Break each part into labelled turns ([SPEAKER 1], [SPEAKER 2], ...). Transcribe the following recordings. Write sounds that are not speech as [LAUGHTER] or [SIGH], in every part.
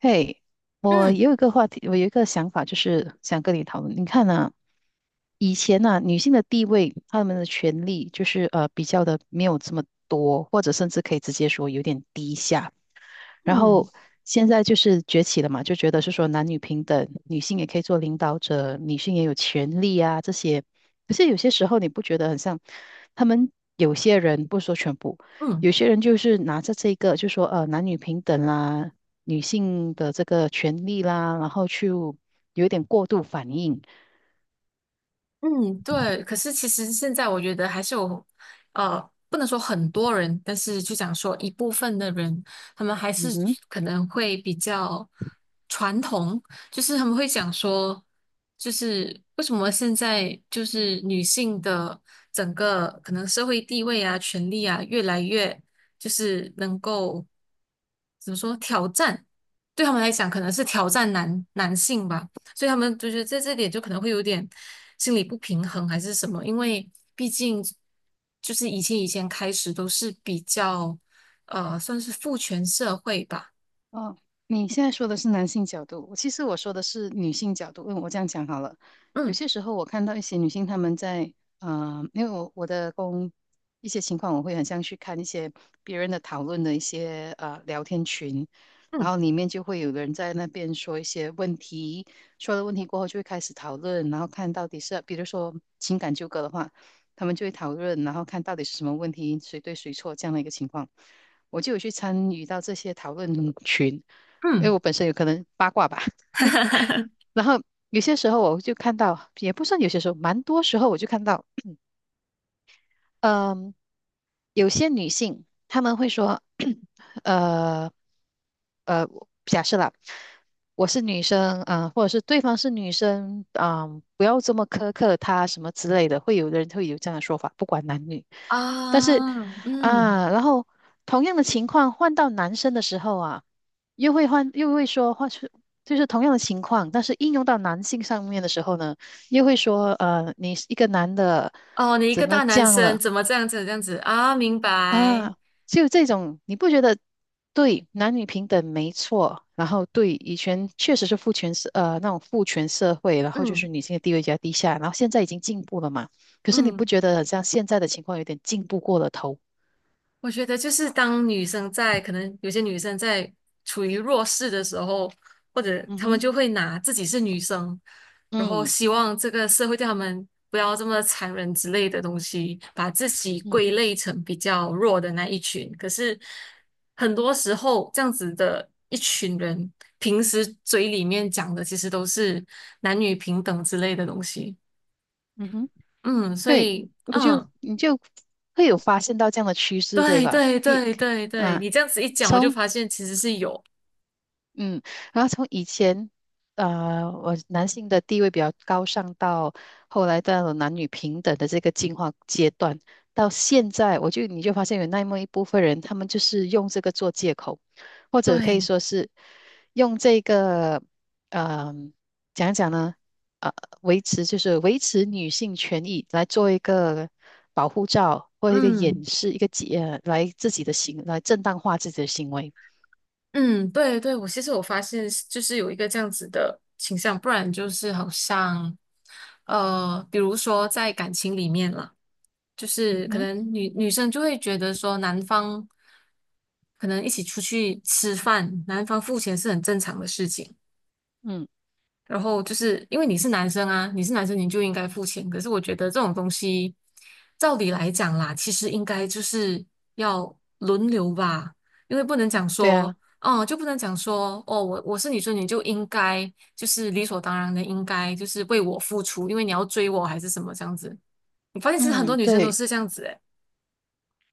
[SPEAKER 1] 嘿，我
[SPEAKER 2] 嗯
[SPEAKER 1] 有一个话题，我有一个想法，就是想跟你讨论。你看啊，以前呢、女性的地位，她们的权利就是比较的没有这么多，或者甚至可以直接说有点低下。然
[SPEAKER 2] 嗯
[SPEAKER 1] 后现在就是崛起了嘛，就觉得是说男女平等，女性也可以做领导者，女性也有权利啊这些。可是有些时候你不觉得很像他们有些人，不说全部，
[SPEAKER 2] 嗯，
[SPEAKER 1] 有些人就是拿着这个，就说男女平等啦，女性的这个权利啦，然后去有一点过度反应。
[SPEAKER 2] 嗯，对。可是其实现在我觉得还是有，呃，不能说很多人，但是就讲说一部分的人，他们还是
[SPEAKER 1] 嗯哼。
[SPEAKER 2] 可能会比较传统，就是他们会讲说，就是为什么现在就是女性的整个可能社会地位啊、权利啊，越来越就是能够怎么说挑战，对他们来讲可能是挑战男性吧。所以他们就觉得在这点就可能会有点，心理不平衡还是什么，因为毕竟就是以前开始都是比较算是父权社会吧，
[SPEAKER 1] 哦，你现在说的是男性角度，其实我说的是女性角度。嗯，我这样讲好了。有
[SPEAKER 2] 嗯
[SPEAKER 1] 些时候我看到一些女性，她们在，因为我的工一些情况，我会很像去看一些别人的讨论的一些聊天群，然
[SPEAKER 2] 嗯
[SPEAKER 1] 后里面就会有人在那边说一些问题，说了问题过后就会开始讨论，然后看到底是，比如说情感纠葛的话，他们就会讨论，然后看到底是什么问题，谁对谁错这样的一个情况。我就有去参与到这些讨论，因为
[SPEAKER 2] 嗯，
[SPEAKER 1] 我本身有可能八卦吧。
[SPEAKER 2] [LAUGHS]
[SPEAKER 1] 然后有些时候我就看到，也不算有些时候，蛮多时候我就看到嗯，有些女性她们会说，[CLEARS THROAT] 呃呃，假设啦，我是女生，嗯、或者是对方是女生，嗯、不要这么苛刻她什么之类的，会有的人会有这样的说法，不管男女。但是
[SPEAKER 2] 啊嗯
[SPEAKER 1] 啊，然后同样的情况换到男生的时候啊，又会说换是就是同样的情况，但是应用到男性上面的时候呢，又会说，你是一个男的
[SPEAKER 2] 哦，你一个
[SPEAKER 1] 怎么
[SPEAKER 2] 大
[SPEAKER 1] 这
[SPEAKER 2] 男
[SPEAKER 1] 样
[SPEAKER 2] 生
[SPEAKER 1] 了？
[SPEAKER 2] 怎么这样子这样子啊？明白，
[SPEAKER 1] 啊，就这种，你不觉得对男女平等没错？然后对以前确实是父权社那种父权社会，然后就
[SPEAKER 2] 嗯
[SPEAKER 1] 是女性的地位比较低下，然后现在已经进步了嘛？可是你不
[SPEAKER 2] 嗯。
[SPEAKER 1] 觉得好像现在的情况有点进步过了头？
[SPEAKER 2] 我觉得就是当女生在可能有些女生在处于弱势的时候，或者
[SPEAKER 1] 嗯
[SPEAKER 2] 她们
[SPEAKER 1] 哼，
[SPEAKER 2] 就会拿自己是女生，然后
[SPEAKER 1] 嗯
[SPEAKER 2] 希望这个社会对她们不要这么残忍之类的东西，把自己归
[SPEAKER 1] 嗯，
[SPEAKER 2] 类成比较弱的那一群。可是很多时候，这样子的一群人，平时嘴里面讲的其实都是男女平等之类的东西。
[SPEAKER 1] 嗯哼，
[SPEAKER 2] 嗯，所
[SPEAKER 1] 对，
[SPEAKER 2] 以
[SPEAKER 1] 我就
[SPEAKER 2] 嗯。
[SPEAKER 1] 你就会有发现到这样的趋势，对
[SPEAKER 2] 对
[SPEAKER 1] 吧？
[SPEAKER 2] 对对对对，
[SPEAKER 1] 啊，
[SPEAKER 2] 你这样子一讲，我就
[SPEAKER 1] 从
[SPEAKER 2] 发现其实是有，
[SPEAKER 1] 嗯，然后从以前，我男性的地位比较高尚，到后来到了男女平等的这个进化阶段，到现在，你就发现有那么一部分人，他们就是用这个做借口，或者可以
[SPEAKER 2] 对，
[SPEAKER 1] 说是用这个，嗯、讲一讲呢，呃，维持女性权益来做一个保护罩或一个
[SPEAKER 2] 嗯
[SPEAKER 1] 掩饰，一个解，呃来自己的行，来正当化自己的行为。
[SPEAKER 2] 嗯，对对，我其实我发现是就是有一个这样子的倾向，不然就是好像，比如说在感情里面啦，就
[SPEAKER 1] 嗯
[SPEAKER 2] 是可
[SPEAKER 1] 哼，
[SPEAKER 2] 能女生就会觉得说男方可能一起出去吃饭，男方付钱是很正常的事情。
[SPEAKER 1] 嗯，
[SPEAKER 2] 然后就是因为你是男生啊，你是男生你就应该付钱。可是我觉得这种东西，照理来讲啦，其实应该就是要轮流吧，因为不能讲
[SPEAKER 1] 对
[SPEAKER 2] 说，
[SPEAKER 1] 啊。
[SPEAKER 2] 哦，就不能讲说，哦，我是女生，你就应该就是理所当然的应该就是为我付出，因为你要追我还是什么这样子。我发现其实很多
[SPEAKER 1] 嗯，
[SPEAKER 2] 女生都
[SPEAKER 1] 对，
[SPEAKER 2] 是这样子，诶，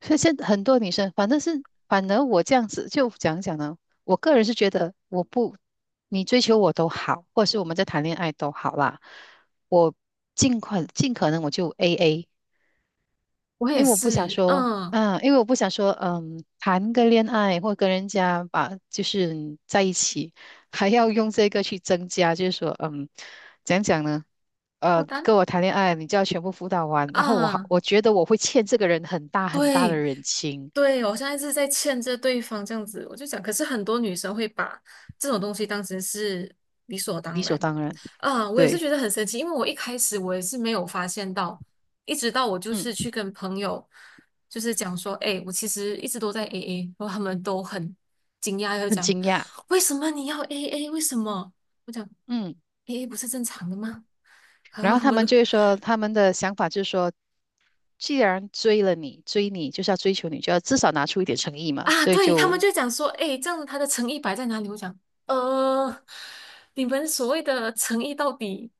[SPEAKER 1] 所以现在很多女生，反正是反而我这样子就讲讲呢，我个人是觉得我不，你追求我都好，或者是我们在谈恋爱都好啦，我尽快尽可能我就 AA，
[SPEAKER 2] 我也
[SPEAKER 1] 因为我不想
[SPEAKER 2] 是，
[SPEAKER 1] 说，
[SPEAKER 2] 嗯，
[SPEAKER 1] 嗯，因为我不想说，嗯，谈个恋爱或跟人家就是在一起，还要用这个去增加，就是说，嗯，讲讲呢，
[SPEAKER 2] 负担
[SPEAKER 1] 跟我谈恋爱，你就要全部辅导完，然后
[SPEAKER 2] 啊，
[SPEAKER 1] 我觉得我会欠这个人很大很大的
[SPEAKER 2] 对。
[SPEAKER 1] 人情，
[SPEAKER 2] 对，我现在是在欠着对方这样子，我就讲，可是很多女生会把这种东西当成是理所
[SPEAKER 1] 理
[SPEAKER 2] 当
[SPEAKER 1] 所
[SPEAKER 2] 然，
[SPEAKER 1] 当然，
[SPEAKER 2] 啊，我也是
[SPEAKER 1] 对，
[SPEAKER 2] 觉得很神奇，因为我一开始我也是没有发现到，一直到我就
[SPEAKER 1] 嗯，
[SPEAKER 2] 是去跟朋友就是讲说，哎，我其实一直都在 AA，然后他们都很惊讶，就
[SPEAKER 1] 很
[SPEAKER 2] 讲
[SPEAKER 1] 惊讶，
[SPEAKER 2] 为什么你要 AA？为什么？我讲
[SPEAKER 1] 嗯，
[SPEAKER 2] AA 不是正常的吗？[LAUGHS] 然
[SPEAKER 1] 然
[SPEAKER 2] 后
[SPEAKER 1] 后
[SPEAKER 2] 他
[SPEAKER 1] 他
[SPEAKER 2] 们
[SPEAKER 1] 们
[SPEAKER 2] 都
[SPEAKER 1] 就会说，他们的想法就是说，既然追了你，追你就是要追求你，就要至少拿出一点诚意嘛，
[SPEAKER 2] 啊，
[SPEAKER 1] 所以
[SPEAKER 2] 对，他们
[SPEAKER 1] 就
[SPEAKER 2] 就讲说，哎，这样子他的诚意摆在哪里？我讲，呃，你们所谓的诚意到底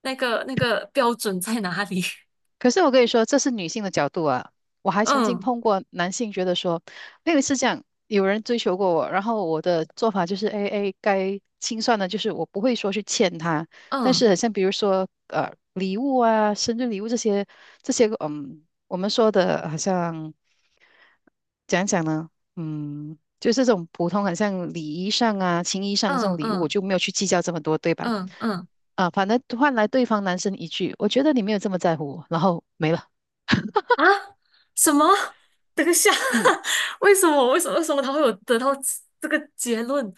[SPEAKER 2] 那个标准在哪里？[LAUGHS]
[SPEAKER 1] 可是我跟你说，这是女性的角度啊。我还曾经
[SPEAKER 2] 嗯
[SPEAKER 1] 碰过男性，觉得说，我有一次这样，有人追求过我，然后我的做法就是，A A 该清算的，就是我不会说去欠他，但
[SPEAKER 2] 嗯
[SPEAKER 1] 是很像比如说，礼物啊，生日礼物这些，嗯，我们说的好像讲讲呢，嗯，就是这种普通，很像礼仪上啊、情谊上的这
[SPEAKER 2] 嗯
[SPEAKER 1] 种礼物，我
[SPEAKER 2] 嗯
[SPEAKER 1] 就没有去计较这么多，对吧？
[SPEAKER 2] 嗯嗯
[SPEAKER 1] 啊，反正换来对方男生一句“我觉得你没有这么在乎我”，然后没了。
[SPEAKER 2] 啊，什么？等一下，
[SPEAKER 1] 嗯，
[SPEAKER 2] [LAUGHS] 为什么？为什么？为什么他会有得到这个结论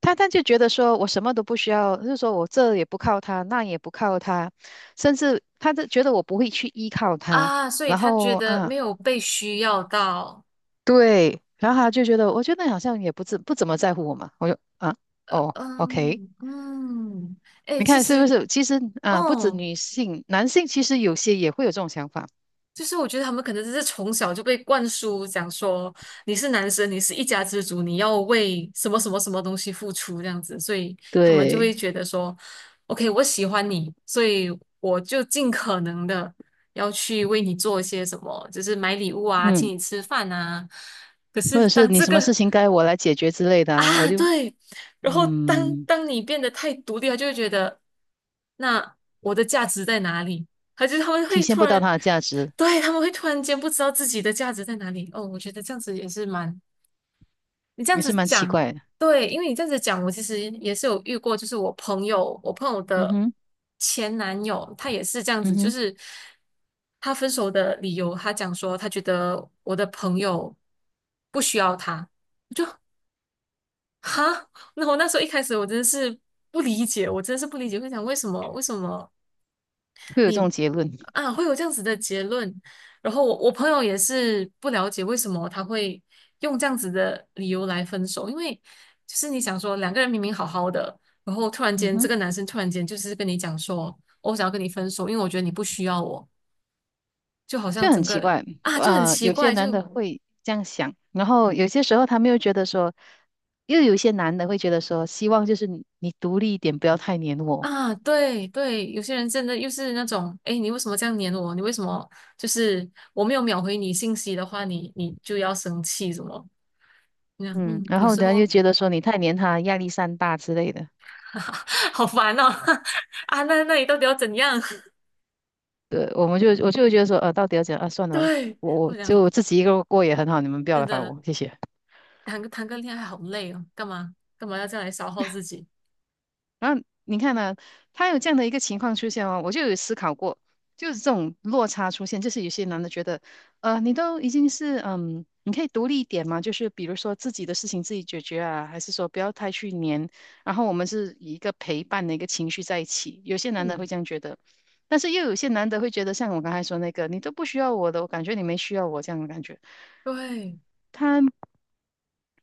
[SPEAKER 1] 他就觉得说我什么都不需要，就是说我这也不靠他，那也不靠他，甚至他就觉得我不会去依靠他，
[SPEAKER 2] 啊？所以
[SPEAKER 1] 然
[SPEAKER 2] 他觉
[SPEAKER 1] 后
[SPEAKER 2] 得
[SPEAKER 1] 啊，
[SPEAKER 2] 没有被需要到。
[SPEAKER 1] 对，然后他就觉得我觉得你好像也不怎么在乎我嘛，我就啊，哦，OK，
[SPEAKER 2] 嗯嗯，哎，
[SPEAKER 1] 你
[SPEAKER 2] 其
[SPEAKER 1] 看是不
[SPEAKER 2] 实，
[SPEAKER 1] 是？其实啊，不止
[SPEAKER 2] 哦。
[SPEAKER 1] 女性，男性其实有些也会有这种想法，
[SPEAKER 2] 就是我觉得他们可能只是从小就被灌输，讲说你是男生，你是一家之主，你要为什么什么什么东西付出这样子，所以他们就会
[SPEAKER 1] 对，
[SPEAKER 2] 觉得说，OK，我喜欢你，所以我就尽可能的要去为你做一些什么，就是买礼物啊，请
[SPEAKER 1] 嗯，
[SPEAKER 2] 你吃饭啊。可
[SPEAKER 1] 或
[SPEAKER 2] 是
[SPEAKER 1] 者是
[SPEAKER 2] 当
[SPEAKER 1] 你
[SPEAKER 2] 这
[SPEAKER 1] 什么事
[SPEAKER 2] 个
[SPEAKER 1] 情该我来解决之类的啊，我
[SPEAKER 2] 啊，
[SPEAKER 1] 就
[SPEAKER 2] 对。然后当
[SPEAKER 1] 嗯，
[SPEAKER 2] 当你变得太独立，他就会觉得，那我的价值在哪里？他是他们
[SPEAKER 1] 体
[SPEAKER 2] 会
[SPEAKER 1] 现
[SPEAKER 2] 突
[SPEAKER 1] 不到
[SPEAKER 2] 然，
[SPEAKER 1] 它的价值，
[SPEAKER 2] 对，他们会突然间不知道自己的价值在哪里。哦，我觉得这样子也是蛮，你这样
[SPEAKER 1] 也是
[SPEAKER 2] 子
[SPEAKER 1] 蛮奇
[SPEAKER 2] 讲，
[SPEAKER 1] 怪的。
[SPEAKER 2] 对，因为你这样子讲，我其实也是有遇过，就是我朋友，我朋友
[SPEAKER 1] 嗯
[SPEAKER 2] 的
[SPEAKER 1] 哼，
[SPEAKER 2] 前男友，他也是这样子，
[SPEAKER 1] 嗯
[SPEAKER 2] 就
[SPEAKER 1] 哼，
[SPEAKER 2] 是他分手的理由，他讲说他觉得我的朋友不需要他。就。哈，那我那时候一开始我真的是不理解，我真的是不理解，会想为什么为什么
[SPEAKER 1] 会有这
[SPEAKER 2] 你
[SPEAKER 1] 种结论。
[SPEAKER 2] 啊会有这样子的结论？然后我朋友也是不了解为什么他会用这样子的理由来分手，因为就是你想说两个人明明好好的，然后突然
[SPEAKER 1] 嗯
[SPEAKER 2] 间这
[SPEAKER 1] 哼，
[SPEAKER 2] 个男生突然间就是跟你讲说，哦我想要跟你分手，因为我觉得你不需要我，就好像
[SPEAKER 1] 就很
[SPEAKER 2] 整
[SPEAKER 1] 奇
[SPEAKER 2] 个
[SPEAKER 1] 怪。
[SPEAKER 2] 啊就很奇
[SPEAKER 1] 有些
[SPEAKER 2] 怪，
[SPEAKER 1] 男
[SPEAKER 2] 就
[SPEAKER 1] 的会这样想，然后有些时候他们又觉得说，又有一些男的会觉得说，希望就是你独立一点，不要太黏我。
[SPEAKER 2] 啊，对对，有些人真的又是那种，哎，你为什么这样黏我？你为什么就是我没有秒回你信息的话，你就要生气什么？那样，
[SPEAKER 1] 嗯，
[SPEAKER 2] 嗯，
[SPEAKER 1] 然
[SPEAKER 2] 有
[SPEAKER 1] 后
[SPEAKER 2] 时
[SPEAKER 1] 呢又
[SPEAKER 2] 候
[SPEAKER 1] 觉得说你太黏他，压力山大之类的。
[SPEAKER 2] [LAUGHS] 好烦哦，[LAUGHS] 啊，那你到底要怎样？
[SPEAKER 1] 对，我就会觉得说，到底要怎样啊？算
[SPEAKER 2] [LAUGHS]
[SPEAKER 1] 了，
[SPEAKER 2] 对，
[SPEAKER 1] 我
[SPEAKER 2] 我想
[SPEAKER 1] 就自己一个人过也很好，你们不要
[SPEAKER 2] 真
[SPEAKER 1] 来烦
[SPEAKER 2] 的
[SPEAKER 1] 我，谢谢。
[SPEAKER 2] 谈个恋爱好累哦，干嘛干嘛要这样来消耗自己？
[SPEAKER 1] 然后你看呢、他有这样的一个情况出现哦，我就有思考过，就是这种落差出现，就是有些男的觉得，你都已经是嗯，你可以独立一点嘛，就是比如说自己的事情自己解决啊，还是说不要太去黏，然后我们是以一个陪伴的一个情绪在一起，有些男的会
[SPEAKER 2] 嗯，
[SPEAKER 1] 这样觉得，但是又有些男的会觉得，像我刚才说那个，你都不需要我的，我感觉你没需要我这样的感觉。
[SPEAKER 2] 对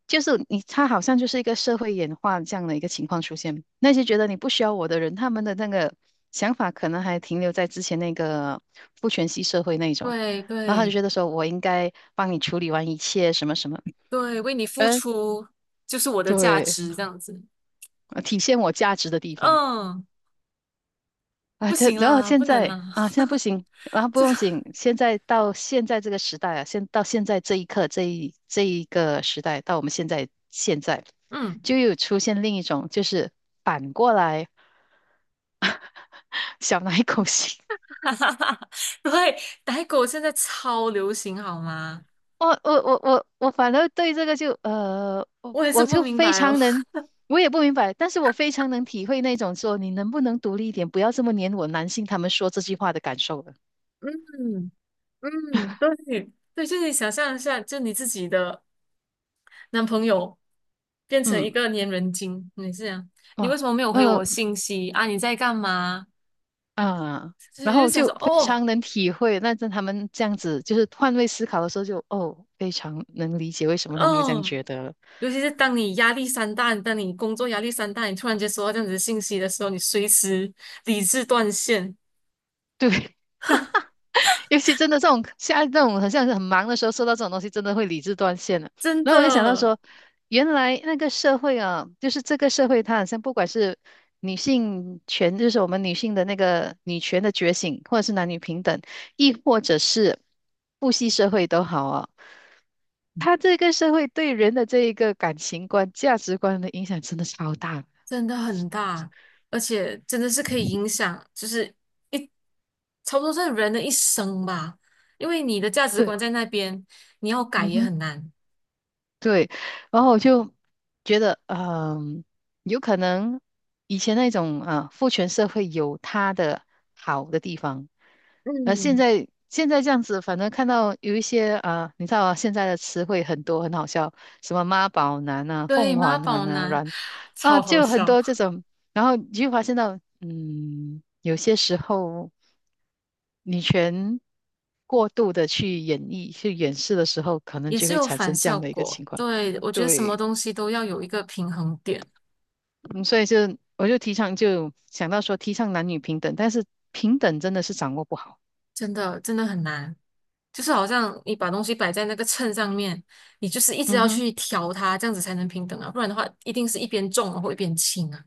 [SPEAKER 1] 就是你，他好像就是一个社会演化这样的一个情况出现。那些觉得你不需要我的人，他们的那个想法可能还停留在之前那个父权系社会那一种，
[SPEAKER 2] 对
[SPEAKER 1] 然后他就
[SPEAKER 2] 对
[SPEAKER 1] 觉得说我应该帮你处理完一切什么什么，
[SPEAKER 2] 对，为你付
[SPEAKER 1] 呃，
[SPEAKER 2] 出就是我的价
[SPEAKER 1] 对，
[SPEAKER 2] 值，这样子，
[SPEAKER 1] 呃体现我价值的地方。
[SPEAKER 2] 嗯，
[SPEAKER 1] 啊，
[SPEAKER 2] 不
[SPEAKER 1] 这
[SPEAKER 2] 行
[SPEAKER 1] 然后
[SPEAKER 2] 啦，
[SPEAKER 1] 现
[SPEAKER 2] 不能
[SPEAKER 1] 在
[SPEAKER 2] 啦，
[SPEAKER 1] 啊，现在不行啊，
[SPEAKER 2] [LAUGHS]
[SPEAKER 1] 不
[SPEAKER 2] 这，
[SPEAKER 1] 用紧，现在到现在这个时代啊，到现在这一刻，这一个时代，到我们现在现在，
[SPEAKER 2] 嗯。
[SPEAKER 1] 就有出现另一种，就是反过来 [LAUGHS] 小奶狗型。
[SPEAKER 2] [LAUGHS] 哈哈哈，对，奶狗现在超流行，好吗？
[SPEAKER 1] 我反而对这个就，我
[SPEAKER 2] 我也是
[SPEAKER 1] 我
[SPEAKER 2] 不
[SPEAKER 1] 就
[SPEAKER 2] 明
[SPEAKER 1] 非
[SPEAKER 2] 白哦。
[SPEAKER 1] 常能，我也不明白，但是我非常能体会那种说你能不能独立一点，不要这么黏我男性他们说这句话的感受了。
[SPEAKER 2] 嗯嗯，对对，就你想象一下，就你自己的男朋友变成一
[SPEAKER 1] 嗯，
[SPEAKER 2] 个粘人精，你是这样，你
[SPEAKER 1] 哇。
[SPEAKER 2] 为什么没有回
[SPEAKER 1] 嗯，
[SPEAKER 2] 我信息啊？你在干嘛？
[SPEAKER 1] 啊，
[SPEAKER 2] 就
[SPEAKER 1] 然
[SPEAKER 2] 是就
[SPEAKER 1] 后
[SPEAKER 2] 想
[SPEAKER 1] 就
[SPEAKER 2] 说，
[SPEAKER 1] 非
[SPEAKER 2] 哦，
[SPEAKER 1] 常能体会，那在他们这样子就是换位思考的时候就，哦，非常能理解为什么他们会这样
[SPEAKER 2] 嗯，
[SPEAKER 1] 觉得了
[SPEAKER 2] 尤其是当你压力山大，当你工作压力山大，你突然间收到这样子的信息的时候，你随时理智断线，
[SPEAKER 1] 对，尤其真的这种现在这种很像是很忙的时候，收到这种东西，真的会理智断线了。
[SPEAKER 2] 真
[SPEAKER 1] 然后我就想到
[SPEAKER 2] 的。
[SPEAKER 1] 说，原来那个社会啊，就是这个社会，它好像不管是女性权，就是我们女性的那个女权的觉醒，或者是男女平等，亦或者是父系社会都好啊，它这个社会对人的这一个感情观、价值观的影响真的超大。
[SPEAKER 2] 真的很大，而且真的是可以影响，就是一差不多是人的一生吧。因为你的价值
[SPEAKER 1] 对，
[SPEAKER 2] 观在那边，你要改
[SPEAKER 1] 嗯
[SPEAKER 2] 也
[SPEAKER 1] 哼。
[SPEAKER 2] 很难。
[SPEAKER 1] 对，然后我就觉得，嗯，有可能以前那种啊父权社会有它的好的地方，现
[SPEAKER 2] 嗯，
[SPEAKER 1] 在现在这样子，反正看到有一些啊，你知道啊，现在的词汇很多，很好笑，什么妈宝男啊、
[SPEAKER 2] 对，
[SPEAKER 1] 凤
[SPEAKER 2] 妈
[SPEAKER 1] 凰男
[SPEAKER 2] 宝
[SPEAKER 1] 啊、
[SPEAKER 2] 男
[SPEAKER 1] 软啊，
[SPEAKER 2] 超好
[SPEAKER 1] 就很
[SPEAKER 2] 笑，
[SPEAKER 1] 多这种，然后你就发现到，嗯，有些时候。女权过度的去演绎、去演示的时候，可能
[SPEAKER 2] 也
[SPEAKER 1] 就
[SPEAKER 2] 是
[SPEAKER 1] 会
[SPEAKER 2] 有
[SPEAKER 1] 产
[SPEAKER 2] 反
[SPEAKER 1] 生这
[SPEAKER 2] 效
[SPEAKER 1] 样的一个
[SPEAKER 2] 果。
[SPEAKER 1] 情况。
[SPEAKER 2] 对，我觉得什么
[SPEAKER 1] 对，
[SPEAKER 2] 东西都要有一个平衡点，
[SPEAKER 1] 嗯所以我就提倡，就想到说提倡男女平等，但是平等真的是掌握不好。
[SPEAKER 2] 真的真的很难。就是好像你把东西摆在那个秤上面，你就是一直
[SPEAKER 1] 嗯
[SPEAKER 2] 要
[SPEAKER 1] 哼，
[SPEAKER 2] 去调它，这样子才能平等啊，不然的话一定是一边重然后一边轻啊。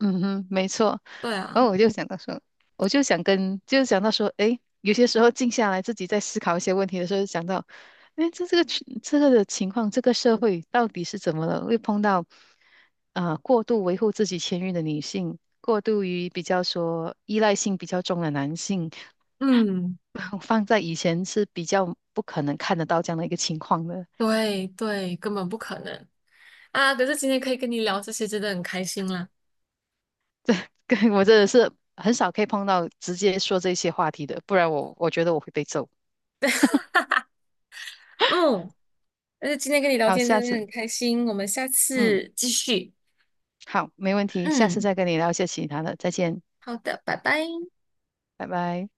[SPEAKER 1] 嗯哼，没错。
[SPEAKER 2] 对啊，
[SPEAKER 1] 然后我就想到说，我就想跟，就想到说，诶，有些时候静下来，自己在思考一些问题的时候，想到，诶，这个群这个的情况，这个社会到底是怎么了？会碰到，过度维护自己权益的女性，过度于比较说依赖性比较重的男性，
[SPEAKER 2] 嗯。
[SPEAKER 1] [LAUGHS] 放在以前是比较不可能看得到这样的一个情况的。
[SPEAKER 2] 对对，根本不可能啊！可是今天可以跟你聊这些，真的很开心啦。
[SPEAKER 1] [LAUGHS] 对，我真的是很少可以碰到直接说这些话题的，不然我觉得我会被揍。
[SPEAKER 2] 嗯，但是今天跟你聊
[SPEAKER 1] 好，
[SPEAKER 2] 天
[SPEAKER 1] 下
[SPEAKER 2] 真的
[SPEAKER 1] 次，
[SPEAKER 2] 很开心，我们下
[SPEAKER 1] 嗯。
[SPEAKER 2] 次继续。
[SPEAKER 1] 好，没问题，下次
[SPEAKER 2] 嗯，
[SPEAKER 1] 再跟你聊一些其他的，再见，
[SPEAKER 2] 好的，拜拜。
[SPEAKER 1] 拜拜。